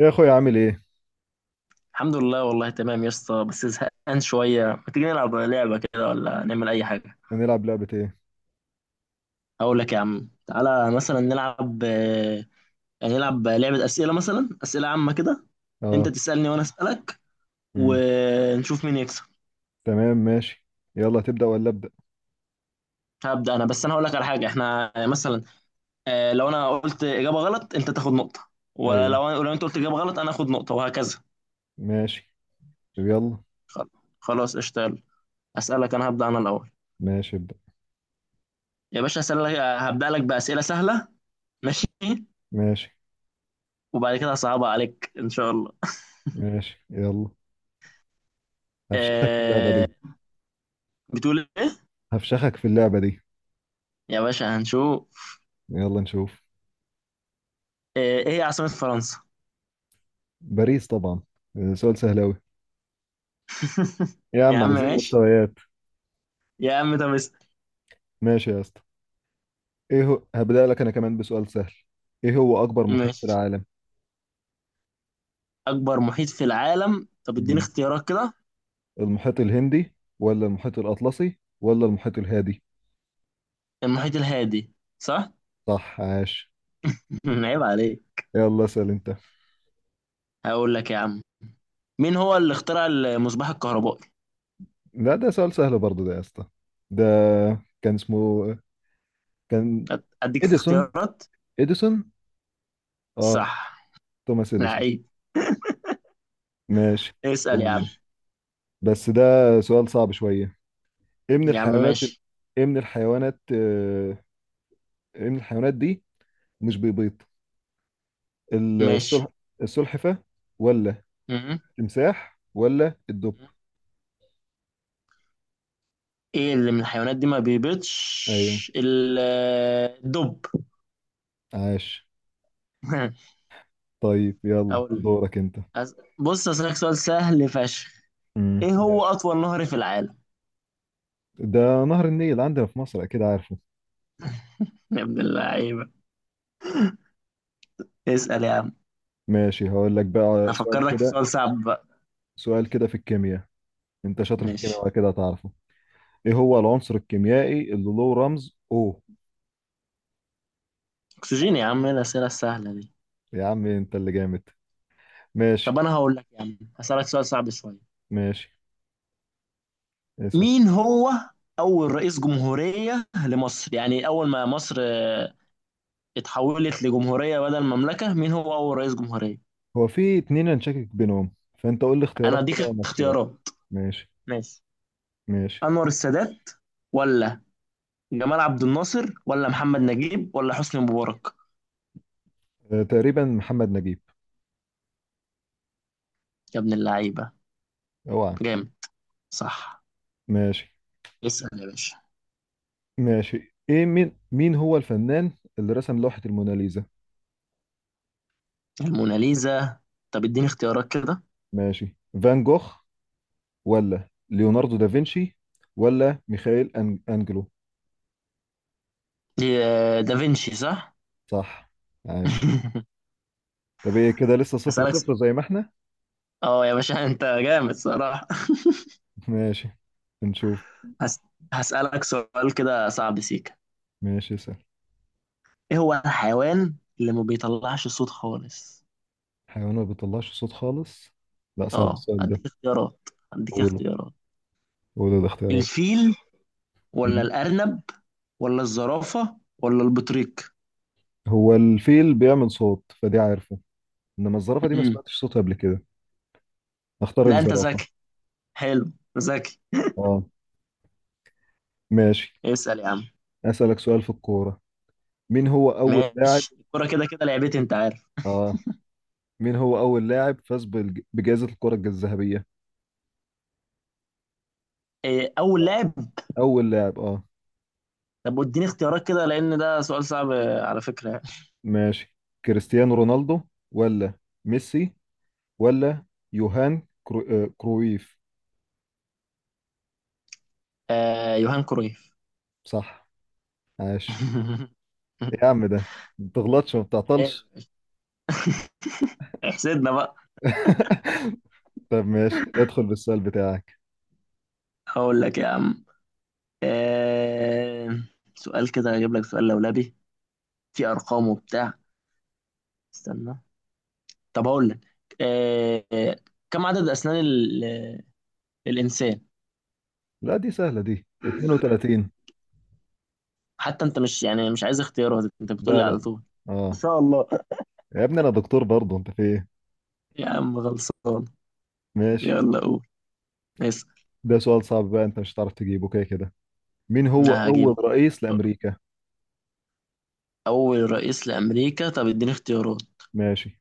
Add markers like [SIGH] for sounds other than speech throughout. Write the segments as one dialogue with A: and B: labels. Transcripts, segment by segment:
A: إيه يا اخويا؟ عامل ايه؟
B: الحمد لله، والله تمام يا اسطى، بس زهقان شوية. ما تيجي نلعب لعبة كده ولا نعمل أي حاجة؟
A: هنلعب لعبة ايه؟
B: أقول لك يا عم، تعالى مثلا نلعب، يعني نلعب لعبة أسئلة مثلا أسئلة عامة كده.
A: اه.
B: أنت تسألني وأنا أسألك،
A: امم
B: ونشوف مين يكسب.
A: تمام، ماشي. يلا، تبدأ ولا أبدأ؟
B: هبدأ أنا، بس أنا هقول لك على حاجة. إحنا مثلا، لو أنا قلت إجابة غلط أنت تاخد نقطة،
A: ايوه،
B: ولو أنت قلت إجابة غلط أنا آخد نقطة وهكذا.
A: ماشي. طب يلا.
B: خل- خلاص اشتغل. أسألك، أنا هبدأ أنا الأول.
A: ماشي، ابدأ.
B: يا باشا أسألك، هبدأ لك بأسئلة سهلة. ماشي.
A: ماشي،
B: وبعد كده هصعبها عليك ان شاء الله.
A: ماشي، يلا. هفشخك في اللعبة
B: آه،
A: دي.
B: بتقول ايه؟
A: هفشخك في اللعبة دي.
B: يا باشا هنشوف.
A: يلا نشوف.
B: ايه هي عاصمة فرنسا؟
A: باريس طبعا. سؤال سهل اوي.
B: [LAUGHS]
A: يا
B: يا
A: عم
B: عم
A: عايزين
B: ماشي.
A: مستويات.
B: يا عم طب اسأل.
A: ماشي يا اسطى. ايه هو؟ هبدأ لك انا كمان بسؤال سهل. ايه هو اكبر محيط في
B: ماشي.
A: العالم؟
B: اكبر محيط في العالم؟ طب اديني
A: امم
B: اختيارات كده.
A: المحيط الهندي ولا المحيط الأطلسي ولا المحيط الهادي؟
B: المحيط الهادي. صح.
A: صح، عاش.
B: [LAUGHS] عيب عليك.
A: يلا اسأل انت.
B: هقول لك يا عم، مين هو اللي اخترع المصباح الكهربائي؟
A: لا، ده سؤال سهل برضه ده يا اسطى. ده كان اسمه كان
B: اديك
A: اديسون.
B: اختيارات.
A: اديسون، اه.
B: صح.
A: توماس اديسون.
B: لعيب.
A: ماشي،
B: اسأل يا عم.
A: يلا. بس ده سؤال صعب شوية. ايه من
B: يا عم
A: الحيوانات
B: ماشي
A: ايه من الحيوانات آه، ايه من الحيوانات دي مش بيبيض؟
B: ماشي.
A: السلح... السلحفة ولا التمساح ولا الدب؟
B: م- ايه اللي من الحيوانات دي ما
A: ايوه،
B: بيبيضش؟ الدب.
A: عاش.
B: [LAUGHS]
A: طيب يلا
B: اقول.
A: دورك انت.
B: بص اسالك سؤال سهل فشخ. ايه هو
A: ماشي.
B: اطول نهر في العالم؟
A: ده نهر النيل، عندنا في مصر، اكيد عارفه.
B: [LAUGHS] يا ابن اللعيبه. اسال يا عم.
A: ماشي، هقول لك بقى سؤال
B: هفكر لك في
A: كده.
B: سؤال صعب بقى.
A: سؤال كده في الكيمياء. انت شاطر في الكيمياء
B: ماشي.
A: ولا كده هتعرفه؟ ايه هو العنصر الكيميائي اللي له رمز O؟
B: اكسجين يا عم. ايه الاسئله السهله دي؟
A: يا عم انت اللي جامد.
B: طب
A: ماشي.
B: انا هقول لك يا عم، هسالك سؤال صعب شويه.
A: ماشي، اسأل.
B: مين هو اول رئيس جمهوريه لمصر؟ يعني اول ما مصر اتحولت لجمهوريه بدل مملكه، مين هو اول رئيس جمهوريه؟
A: هو في اتنين انا شاكك بينهم، فانت قول لي
B: انا
A: اختيارات
B: اديك
A: كده وانا اختار.
B: اختيارات.
A: ماشي.
B: ماشي.
A: ماشي.
B: انور السادات، ولا جمال عبد الناصر، ولا محمد نجيب، ولا حسني مبارك؟
A: اه، تقريبا محمد نجيب.
B: يا ابن اللعيبه.
A: اوعى.
B: جامد. صح.
A: ماشي.
B: اسال يا باشا.
A: ماشي. ايه؟ مين هو الفنان اللي رسم لوحة الموناليزا؟
B: الموناليزا؟ طب اديني اختيارات كده.
A: ماشي. فان جوخ ولا ليوناردو دافنشي ولا ميخائيل انجلو؟
B: دي دافنشي. صح.
A: صح، عاش.
B: [LAUGHS]
A: طب ايه كده؟ لسه صفر
B: هسألك.
A: صفر زي ما احنا.
B: اه، يا باشا انت جامد صراحة.
A: [LAUGHS] ماشي، نشوف.
B: هس... هسألك سؤال كده صعب سيكا.
A: ماشي، سهل.
B: ايه هو الحيوان اللي ما بيطلعش صوت خالص؟
A: حيوان ما بيطلعش صوت خالص؟ لا، صعب
B: اه،
A: السؤال ده.
B: هديك اختيارات هديك
A: قوله،
B: اختيارات
A: الاختيارات.
B: الفيل، ولا
A: مم.
B: الأرنب، ولا الزرافة، ولا البطريق؟
A: هو الفيل بيعمل صوت فدي عارفه، انما الزرافة دي ما
B: امم.
A: سمعتش صوتها قبل كده. اختار
B: لا أنت
A: الزرافة.
B: ذكي. حلو. ذكي.
A: اه، ماشي.
B: اسأل يا عم.
A: اسألك سؤال في الكورة. مين هو اول لاعب؟
B: ماشي. الكورة كده كده لعبتي أنت عارف.
A: اه. مين هو اول لاعب فاز بجائزة الكرة الذهبية؟
B: إيه أول
A: آه،
B: لاعب؟
A: اول لاعب. اه،
B: طب اديني اختيارات كده، لأن ده سؤال صعب على فكرة يعني.
A: ماشي. كريستيانو رونالدو ولا ميسي ولا يوهان كرويف؟
B: يوهان كرويف.
A: صح، عاش.
B: [LAUGHS]
A: إيه يا عم ده ما بتغلطش وما
B: إيه،
A: بتعطلش!
B: احسدنا بقى.
A: [LAUGHS] طب ماشي، ادخل بالسؤال بتاعك.
B: هقول لك يا عم. آه سؤال كده، هجيب لك سؤال لولبي. في ارقام وبتاع. استنى. طب هقول لك، آه كم عدد اسنان الانسان؟
A: لا، دي سهلة دي، 32.
B: حتى انت مش، يعني مش عايز اختيارات؟ انت بتقول
A: لا
B: لي على
A: لا،
B: طول. ان
A: اه.
B: شاء الله.
A: يا ابني انا دكتور برضه، انت في ايه؟
B: يا عم خلصان.
A: ماشي.
B: يلا قول، اسأل.
A: ده سؤال صعب بقى، انت مش هتعرف تجيبه كده كده. مين هو
B: لا،
A: اول
B: هجيبه كده.
A: رئيس لامريكا؟
B: اول رئيس لامريكا؟ طب اديني اختيارات.
A: ماشي.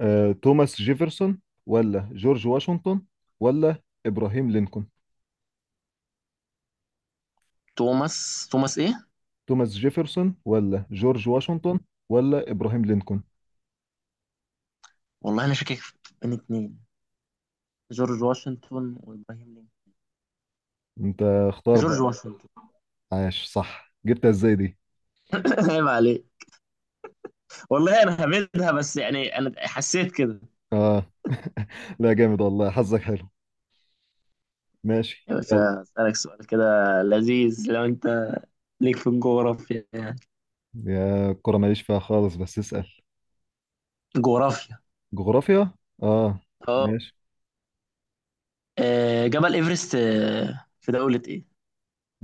A: توماس جيفرسون ولا جورج واشنطن ولا ابراهيم لينكولن؟
B: توماس ايه؟
A: توماس جيفرسون ولا جورج واشنطن ولا ابراهيم لينكولن.
B: والله انا شاكك بين اتنين: جورج واشنطن وابراهيم لينكولن.
A: انت، اختار
B: جورج
A: بقى.
B: واشنطن.
A: عاش، صح. جبتها ازاي دي؟
B: [LAUGHS] عيب عليك. والله انا هبدها بس، يعني انا حسيت كده.
A: اه. لا جامد والله، حظك حلو. ماشي،
B: يا
A: يلا.
B: باشا اسالك سؤال كده لذيذ، لو انت ليك في الجغرافيا يعني.
A: يا الكرة ماليش فيها خالص، بس اسأل.
B: جغرافيا،
A: جغرافيا. اه،
B: اه.
A: ماشي.
B: جبل ايفرست في دولة ايه؟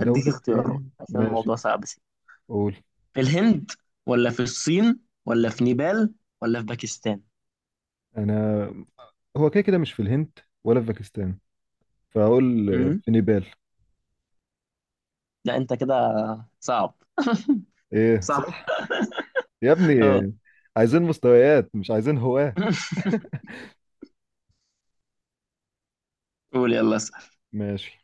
B: أديك اختيارات
A: ايه؟
B: عشان
A: ماشي،
B: الموضوع صعب سي.
A: قول.
B: في الهند، ولا في الصين، ولا في نيبال، ولا في باكستان؟
A: انا هو كده كده مش في الهند ولا في باكستان، فاقول
B: امم.
A: في نيبال.
B: لا أنت كده صعب.
A: ايه؟
B: صح.
A: صح. يا ابني،
B: اه.
A: عايزين مستويات مش عايزين هواة.
B: [LAUGHS] قول، يلا اسأل.
A: ماشي.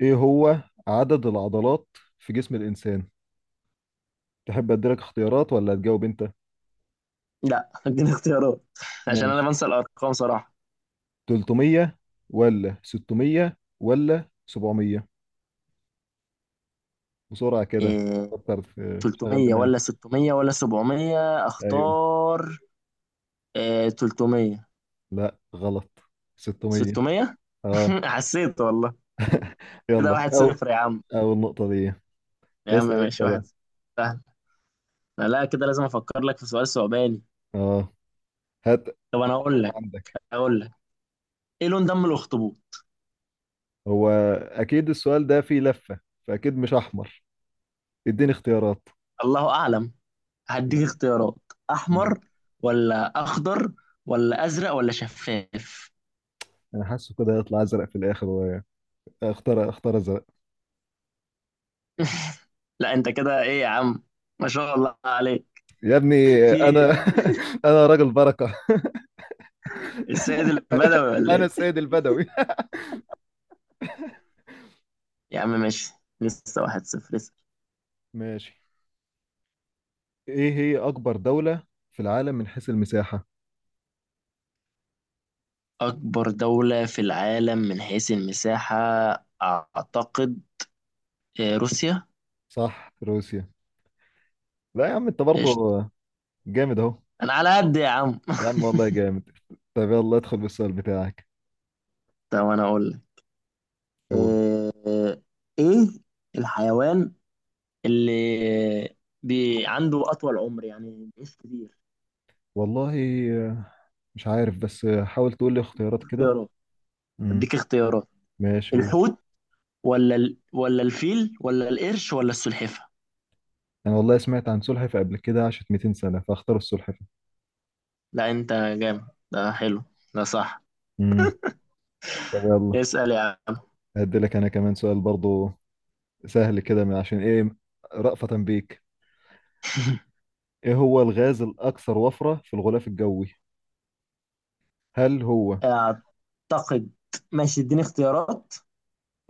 A: ايه هو عدد العضلات في جسم الانسان؟ تحب اديلك اختيارات ولا تجاوب انت؟
B: لا، اديني اختيارات عشان أنا
A: ماشي.
B: بنسى الأرقام صراحة.
A: 300 ولا 600 ولا 700؟ بسرعة كده،
B: إيه،
A: فكر في شغل
B: 300 ولا
A: دماغك.
B: 600 ولا 700
A: ايوه.
B: أختار؟ إيه، 300.
A: لا، غلط. 600.
B: 600.
A: اه.
B: [LAUGHS] حسيت والله. كده
A: يلا
B: واحد صفر يا عم.
A: اول نقطة دي.
B: يا عم
A: اسأل انت
B: ماشي،
A: بقى.
B: واحد صفر. سهل؟ لا كده لازم أفكر لك في سؤال صعباني.
A: اه، هات.
B: طب أنا أقول لك
A: عندك؟
B: أقول لك ايه لون دم الاخطبوط؟
A: هو اكيد السؤال ده فيه لفة، فاكيد مش احمر. اديني اختيارات.
B: الله اعلم. هديك اختيارات.
A: مم.
B: احمر، ولا اخضر، ولا ازرق، ولا شفاف؟
A: انا حاسه كده هيطلع ازرق في الاخر. اختار ازرق.
B: [LAUGHS] لا انت كده ايه يا عم! ما شاء الله عليك.
A: يا ابني.
B: [LAUGHS] في إيه؟
A: انا [LAUGHS] انا راجل بركة.
B: السيد البدوي ولا
A: انا
B: ايه؟
A: السيد البدوي.
B: يا عم ماشي، لسه واحد صفر لسه.
A: [LAUGHS] ماشي. ايه هي اكبر دولة في العالم من حيث المساحة؟
B: اكبر دولة في العالم من حيث المساحة. اعتقد روسيا.
A: صح، روسيا. لا يا عم، انت برضه
B: قشطة.
A: جامد اهو.
B: انا على قد يا عم.
A: يا عم
B: [LAUGHS]
A: والله جامد. طب يلا، ادخل بالسؤال بتاعك.
B: طب انا اقول لك.
A: قول.
B: آه، ايه الحيوان اللي عنده أطول عمر، يعني بيعيش كتير؟
A: والله مش عارف، بس حاول تقول لي اختيارات كده.
B: اختيارات.
A: امم
B: أديك اختيارات.
A: ماشي، قول.
B: الحوت، ولا الفيل، ولا القرش، ولا السلحفة؟
A: انا والله سمعت عن سلحفة قبل كده عاشت 200 سنة، فاختار السلحفة.
B: لا أنت جامد. ده حلو. ده صح.
A: امم طب يلا.
B: اسأل يا عم.
A: هدي لك انا كمان سؤال برضه سهل كده، من عشان ايه؟ رأفة بيك. ايه هو الغاز الاكثر وفرة في الغلاف الجوي؟ هل هو
B: أعتقد. ماشي اديني اختيارات.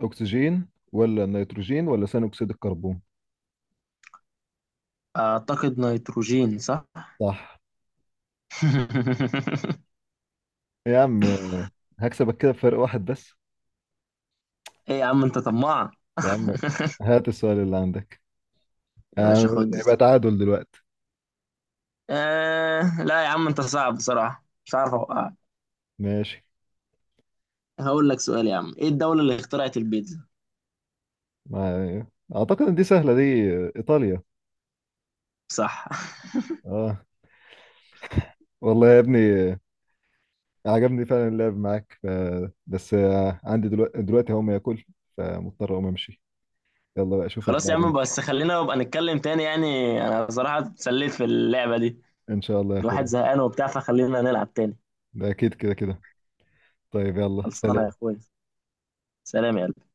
A: اكسجين ولا نيتروجين ولا ثاني اكسيد الكربون؟
B: أعتقد نيتروجين. صح.
A: صح.
B: [LAUGHS]
A: يا عم، هكسبك كده بفرق واحد بس.
B: إيه يا عم أنت طماع.
A: يا عم
B: [LAUGHS]
A: هات السؤال اللي عندك.
B: يا باشا خد دي.
A: يبقى تعادل دلوقتي.
B: لا يا عم أنت صعب بصراحة، مش عارف أوقعك.
A: ماشي.
B: هقول لك سؤال يا عم، إيه الدولة اللي اخترعت البيتزا؟
A: ما- اعتقد ان دي سهلة دي، ايطاليا.
B: صح.
A: اه. والله يا ابني، عجبني فعلا اللعب معاك. بس عندي دلوقتي، هقوم اكل، فمضطر اقوم امشي. يلا بقى، اشوفك
B: خلاص يا
A: بعدين.
B: عم، بس خلينا نبقى نتكلم تاني يعني. انا بصراحة اتسليت في اللعبة دي.
A: ان شاء الله يا
B: الواحد
A: اخويا.
B: زهقان وبتاع، فخلينا نلعب تاني.
A: ده اكيد كده كده. طيب يلا،
B: خلصانة يا
A: سلام.
B: اخويا. سلام يا قلبي.